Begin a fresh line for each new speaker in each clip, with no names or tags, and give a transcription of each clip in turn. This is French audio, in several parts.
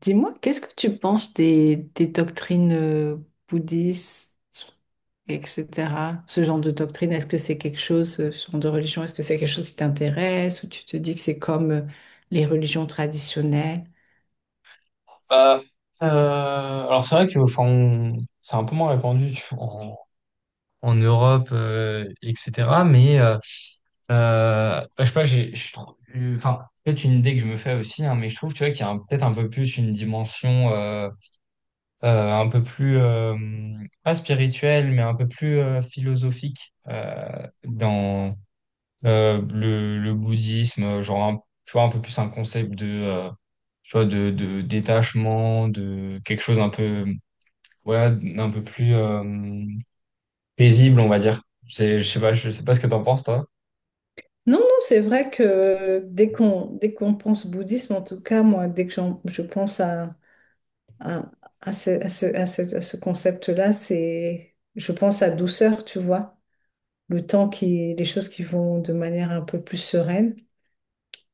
Dis-moi, qu'est-ce que tu penses des doctrines bouddhistes, etc. Ce genre de doctrine, est-ce que c'est quelque chose, ce genre de religion, est-ce que c'est quelque chose qui t'intéresse ou tu te dis que c'est comme les religions traditionnelles?
Bah, alors c'est vrai que enfin, c'est un peu moins répandu tu vois, en Europe, etc. Mais je sais pas, je trouve, enfin, peut-être une idée que je me fais aussi, hein, mais je trouve tu vois, qu'il y a peut-être un peu plus une dimension un peu plus, pas spirituelle, mais un peu plus philosophique dans le bouddhisme, tu vois, un peu plus un concept de... tu vois, de détachement, de quelque chose un peu ouais, un peu plus paisible, on va dire. C'est, je sais pas ce que t'en penses, toi.
Non, non, c'est vrai que dès qu'on pense bouddhisme, en tout cas, moi, je pense à, à ce concept-là, je pense à douceur, tu vois, le temps les choses qui vont de manière un peu plus sereine.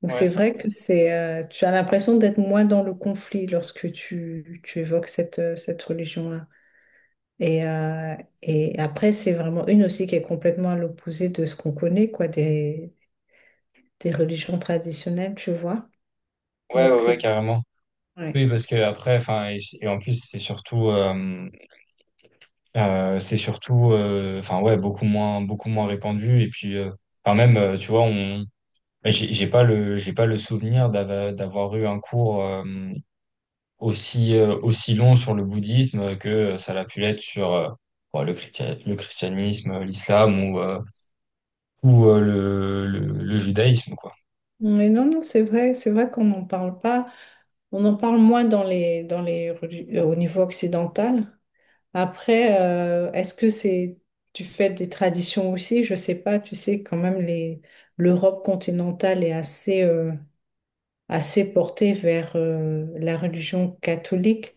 Donc c'est
Ouais.
vrai que tu as l'impression d'être moins dans le conflit lorsque tu évoques cette, cette religion-là. Et, après, c'est vraiment une aussi qui est complètement à l'opposé de ce qu'on connaît, quoi, des religions traditionnelles, tu vois.
Ouais, ouais,
Donc, euh,
ouais, carrément.
ouais.
Oui, parce que après, enfin, et en plus, c'est surtout, enfin, ouais, beaucoup moins répandu. Et puis, enfin, même, j'ai pas le, j'ai pas le souvenir d'avoir eu un cours, aussi, aussi long sur le bouddhisme que ça l'a pu l'être sur bon, le christianisme, l'islam ou, le judaïsme, quoi.
Mais non, non, c'est vrai qu'on n'en parle pas. On en parle moins dans les, au niveau occidental. Après, est-ce que c'est tu fais des traditions aussi? Je sais pas. Tu sais quand même les l'Europe continentale est assez assez portée vers la religion catholique,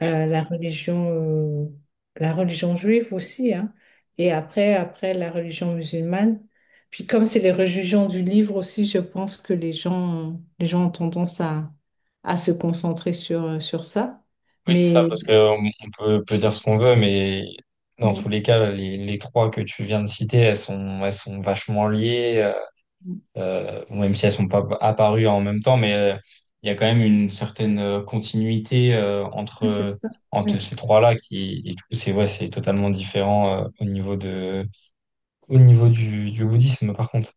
Oui,
euh, la religion euh, la religion juive aussi, hein. Et après la religion musulmane. Puis comme c'est les religions du livre aussi, je pense que les gens ont tendance à se concentrer sur sur ça.
oui, c'est ça,
Mais
parce que on peut dire ce qu'on veut, mais dans
mm.
tous les cas, les trois que tu viens de citer, elles sont vachement liées, même si elles sont pas apparues en même temps, mais il y a quand même une certaine continuité
Ouais, c'est ça.
entre
Ouais.
ces trois-là qui, et du coup, c'est ouais, c'est totalement différent au niveau de au niveau du bouddhisme, par contre.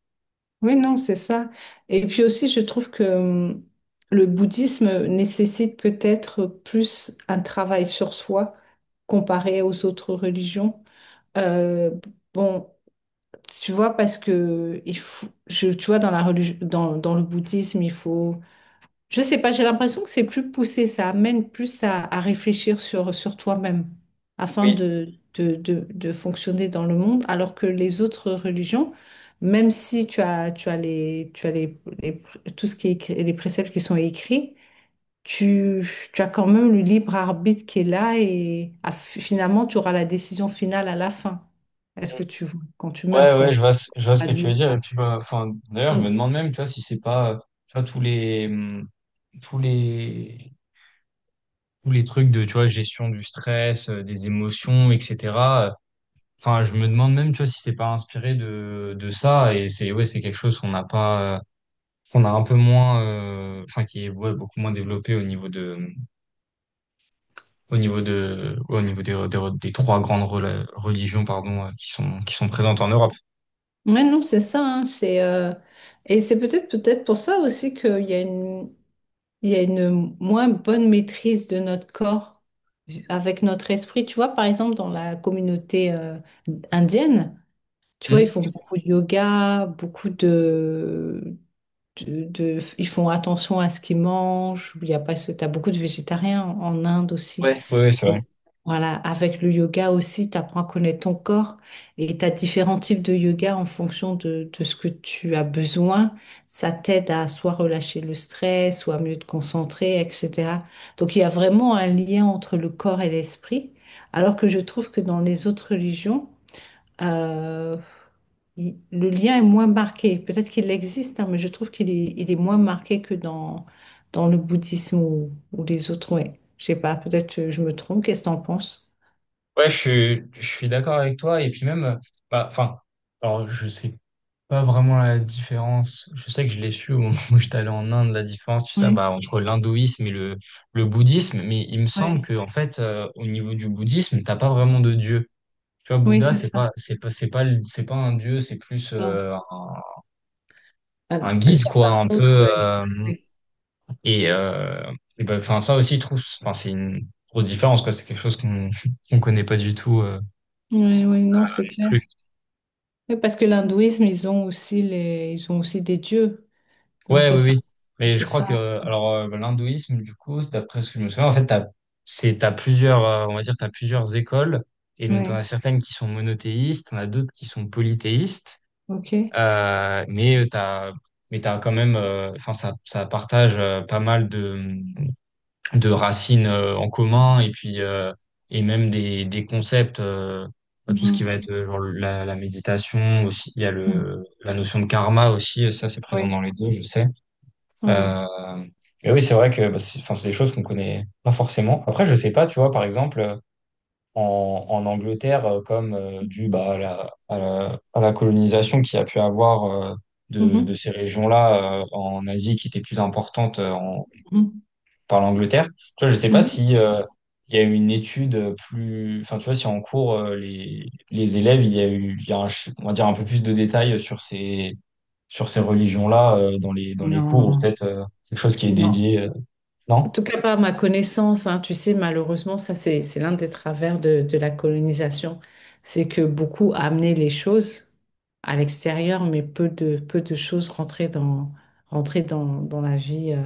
Oui, non, c'est ça. Et puis aussi, je trouve que le bouddhisme nécessite peut-être plus un travail sur soi comparé aux autres religions. Euh, bon, tu vois, parce que il faut, tu vois, dans la religion, dans, dans le bouddhisme, il faut je sais pas, j'ai l'impression que c'est plus poussé, ça amène plus à réfléchir sur, sur toi-même afin
Oui.
de fonctionner dans le monde, alors que les autres religions, même si tu as, tu as les, tout ce qui est écrit, les préceptes qui sont écrits, tu, tu as quand même le libre arbitre qui est là et finalement tu auras la décision finale à la fin. Est-ce que
Mm.
tu, quand tu
Ouais,
meurs, quoi,
ouais,
c'est
je vois ce que
paradis
tu
ou
veux dire. Et
pas.
puis, bah, enfin, d'ailleurs, je me demande même, tu vois, si c'est pas, tu vois, tous les, tous les trucs de, tu vois, gestion du stress, des émotions, etc. euh, Enfin, je me demande même, tu vois, si c'est pas inspiré de ça. Et c'est, ouais, c'est quelque chose qu'on n'a pas, qu'on a un peu moins, enfin, qui est, ouais, beaucoup moins développé au niveau de, ouais, au niveau des, des trois grandes religions, pardon, qui sont présentes en Europe.
Ouais, non, c'est ça, hein, c'est et c'est peut-être pour ça aussi qu'il y a une il y a une moins bonne maîtrise de notre corps avec notre esprit. Tu vois, par exemple, dans la communauté indienne, tu vois, ils
Hmm.
font beaucoup de yoga, beaucoup de, ils font attention à ce qu'ils mangent. Il y a pas ce, t'as beaucoup de végétariens en Inde aussi.
Ouais, ouais, ouais, c'est
Et
vrai.
le- Voilà, avec le yoga aussi, tu apprends à connaître ton corps et tu as différents types de yoga en fonction de ce que tu as besoin. Ça t'aide à soit relâcher le stress, soit mieux te concentrer, etc. Donc il y a vraiment un lien entre le corps et l'esprit, alors que je trouve que dans les autres religions, euh, le lien est moins marqué. Peut-être qu'il existe, hein, mais je trouve qu'il est, il est moins marqué que dans, dans le bouddhisme ou les autres. Ouais. Je sais pas, peut-être je me trompe. Qu'est-ce que t'en penses?
Ouais, je suis d'accord avec toi. Et puis même, bah, enfin, alors je sais pas vraiment la différence. Je sais que je l'ai su au moment où j'étais allé en Inde, la différence, tu sais,
Oui,
bah, entre l'hindouisme et le bouddhisme. Mais il me semble
oui,
que, en fait, au niveau du bouddhisme, t'as pas vraiment de dieu. Tu vois,
oui,
Bouddha,
c'est ça.
c'est pas, c'est pas un dieu, c'est plus
Non. À,
un
à
guide,
certains
quoi, un
points,
peu.
tu glisser.
Et euh, et ben, enfin, ça aussi, je trouve, enfin, c'est une grosse différence, quoi. C'est quelque chose qu'on qu'on connaît pas du tout. Euh.
Oui, oui, non, c'est clair. Oui, parce que l'hindouisme, ils ont aussi les, ils ont aussi des dieux. Donc
Ouais,
ça,
oui, oui. Mais
c'est
je crois que
ça.
l'hindouisme, du coup, c'est d'après ce que je me souviens, en fait, t'as plusieurs, on va dire, t'as plusieurs écoles. Et donc, t'en as
Oui,
certaines qui sont monothéistes, t'en as d'autres qui sont polythéistes.
ok.
Euh, mais euh, t'as, mais t'as quand même, enfin, ça partage pas mal de racines en commun et puis et même des concepts. Bah, tout ce qui
Mhm.
va être genre la méditation aussi, il y a
Mhm.
la notion de karma aussi, ça c'est présent
Oui,
dans les deux, je sais.
oui.
Euh, mais oui, c'est vrai que bah, c'est, enfin, c'est des choses qu'on connaît pas forcément. Après, je sais pas, tu vois, par exemple, en Angleterre, comme dû bah, à à la colonisation qu'il y a pu avoir de
Mhm.
ces régions-là en Asie qui étaient plus importantes
Mhm.
par l'Angleterre. Tu vois, je sais pas
Oui.
si il y a eu une étude plus, enfin, tu vois, si en cours les élèves, il y a on va dire un peu plus de détails sur ces
Mhm.
religions-là dans les cours ou
Non.
peut-être quelque chose qui est
Non.
dédié,
En
non?
tout cas, pas à ma connaissance, hein. Tu sais, malheureusement, ça, c'est l'un des travers de la colonisation. C'est que beaucoup a amené les choses à l'extérieur, mais peu de choses rentraient dans,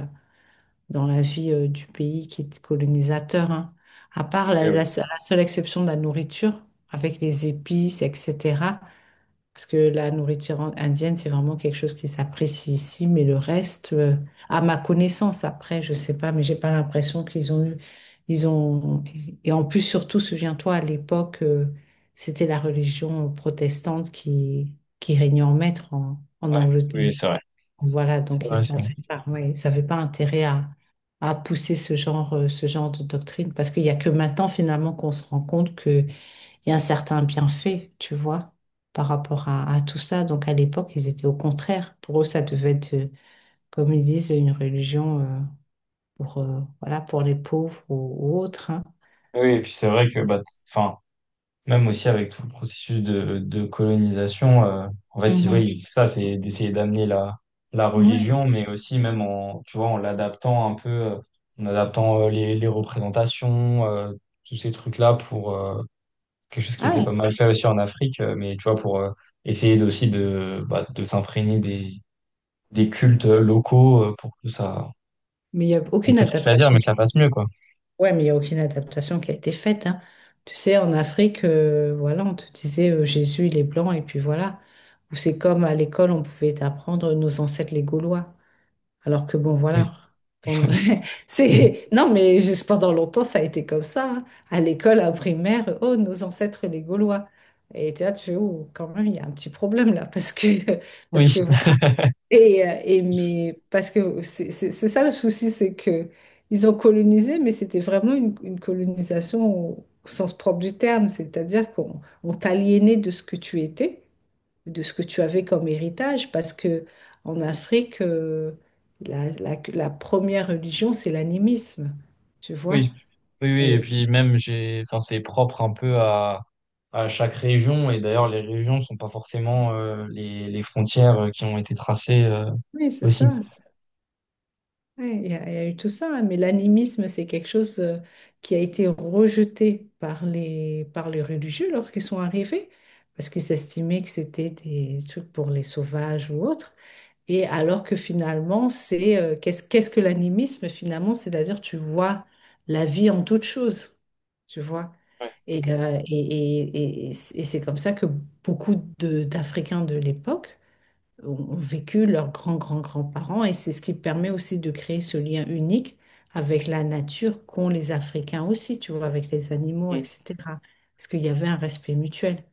dans la vie du pays qui est colonisateur, hein. À part
Ok,
la,
oui.
la seule exception de la nourriture, avec les épices, etc. Parce que la indienne, c'est vraiment quelque chose qui s'apprécie ici, mais le reste, à ma connaissance, après, je sais pas, mais j'ai pas l'impression qu'ils ont eu, ils ont, et en plus, surtout, souviens-toi, à l'époque, c'était la religion protestante qui régnait en maître en, en
Ouais, oui,
Angleterre.
c'est vrai.
Voilà,
C'est
donc ils
vrai, c'est vrai.
savaient pas, ouais, ils savaient pas intérêt à pousser ce genre de doctrine, parce qu'il y a que maintenant, finalement, qu'on se rend compte que il y a un certain bienfait, tu vois, par rapport à tout ça. Donc à l'époque, ils étaient au contraire. Pour eux, ça devait être, comme ils disent, une religion pour, voilà, pour les pauvres ou autres, hein.
Oui, et puis c'est vrai que bah, enfin. Même aussi avec tout le processus de colonisation, en fait, c'est
Mhm.
vrai, c'est ça, c'est d'essayer d'amener la
Oui.
religion, mais aussi même en, tu vois, en l'adaptant un peu, en adaptant les représentations, tous ces trucs-là pour quelque chose qui était
Ah,
pas mal fait aussi en Afrique, mais tu vois, pour essayer aussi de, bah, de s'imprégner des cultes locaux pour que ça,
mais il n'y a
on
aucune
peut triste à dire, mais
adaptation
ça passe mieux, quoi.
ouais, mais il y a aucune adaptation qui a été faite, hein. Tu sais, en Afrique, voilà, on te disait Jésus, il est blanc, et puis voilà. Ou c'est comme à l'école, on pouvait apprendre nos ancêtres les Gaulois. Alors que bon,
Oui.
voilà. Ton- C'est... Non, mais juste pendant longtemps, ça a été comme ça, hein. À l'école, à primaire, oh, nos ancêtres, les Gaulois. Et t'es là, tu fais, oh, quand même, il y a un petit problème là, parce que,
Oui.
parce que voilà. Et mais, parce que c'est ça le souci, c'est que ils ont colonisé, mais c'était vraiment une colonisation au, au sens propre du terme, c'est-à-dire qu'on on t'aliénait de ce que tu étais de ce que tu avais comme héritage, parce que en Afrique, la, la première religion, c'est l'animisme, tu vois.
Oui, oui, oui, et
Et,
puis même j'ai, enfin c'est propre un peu à chaque région, et d'ailleurs les régions sont pas forcément les frontières qui ont été tracées
oui, c'est
aussi.
ça. Ouais, il y a, il y a eu tout ça, hein, mais l'animisme, c'est quelque chose qui a été rejeté par les religieux lorsqu'ils sont arrivés, parce qu'ils estimaient que c'était des trucs pour les sauvages ou autres. Et alors que finalement, c'est qu'est-ce que l'animisme finalement? C'est-à-dire tu vois la vie en toute chose, tu vois. Et, et c'est comme ça que d'Africains de l'époque ont vécu leurs grands-grands-grands-parents et c'est ce qui permet aussi de créer ce lien unique avec la nature qu'ont les Africains aussi, tu vois, avec les animaux,
Mm.
etc. Parce qu'il y avait un respect mutuel.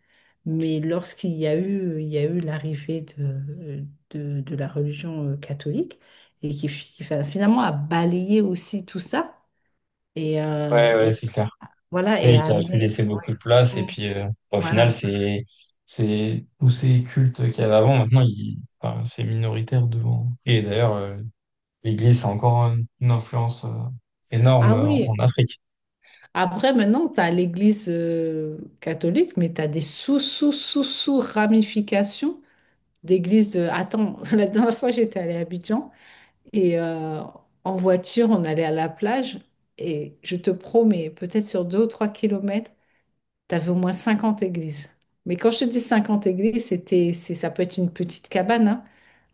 Mais lorsqu'il y a eu, il y a eu l'arrivée de la religion catholique et qui, finalement a balayé aussi tout ça
Ouais, ouais,
et
c'est clair.
voilà et
Oui,
a
qui a pu
amené
laisser beaucoup de
ouais.
place, et
Mm.
puis au final
Voilà.
c'est tous ces cultes qu'il y avait avant, maintenant ils, enfin, c'est minoritaire devant. Et d'ailleurs l'Église a encore une influence énorme
Ah
en
oui.
Afrique.
Après, maintenant, tu as l'Église catholique, mais tu as des sous, sous, sous, sous ramifications d'églises. De... Attends, la dernière fois, j'étais allée à Abidjan et en voiture, on allait à la plage et je te promets, peut-être sur 2 ou 3 kilomètres, t'avais au moins 50 églises. Mais quand je te dis 50 églises, c'était, c'est, ça peut être une petite cabane, hein,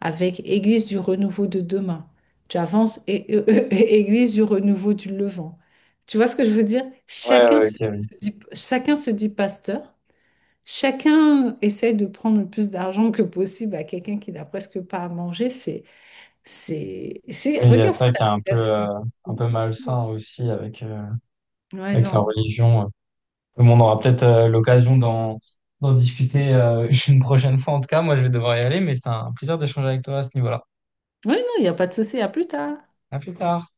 avec Église du renouveau de demain. Tu avances et, Église du renouveau du Levant. Tu vois ce que je veux dire?
Ouais, ouais, ok, oui.
Chacun se dit pasteur. Chacun essaie de prendre le plus d'argent que possible à quelqu'un qui n'a presque pas à manger. C'est,
Oui, il y a
regarde
ça
cette
qui est
application.
un peu malsain aussi avec,
Ouais,
avec la
non.
religion. Mais bon, on aura peut-être l'occasion d'en discuter une prochaine fois. En tout cas, moi, je vais devoir y aller, mais c'était un plaisir d'échanger avec toi à ce niveau-là.
Ouais, non, il n'y a pas de souci. À plus tard.
À plus tard.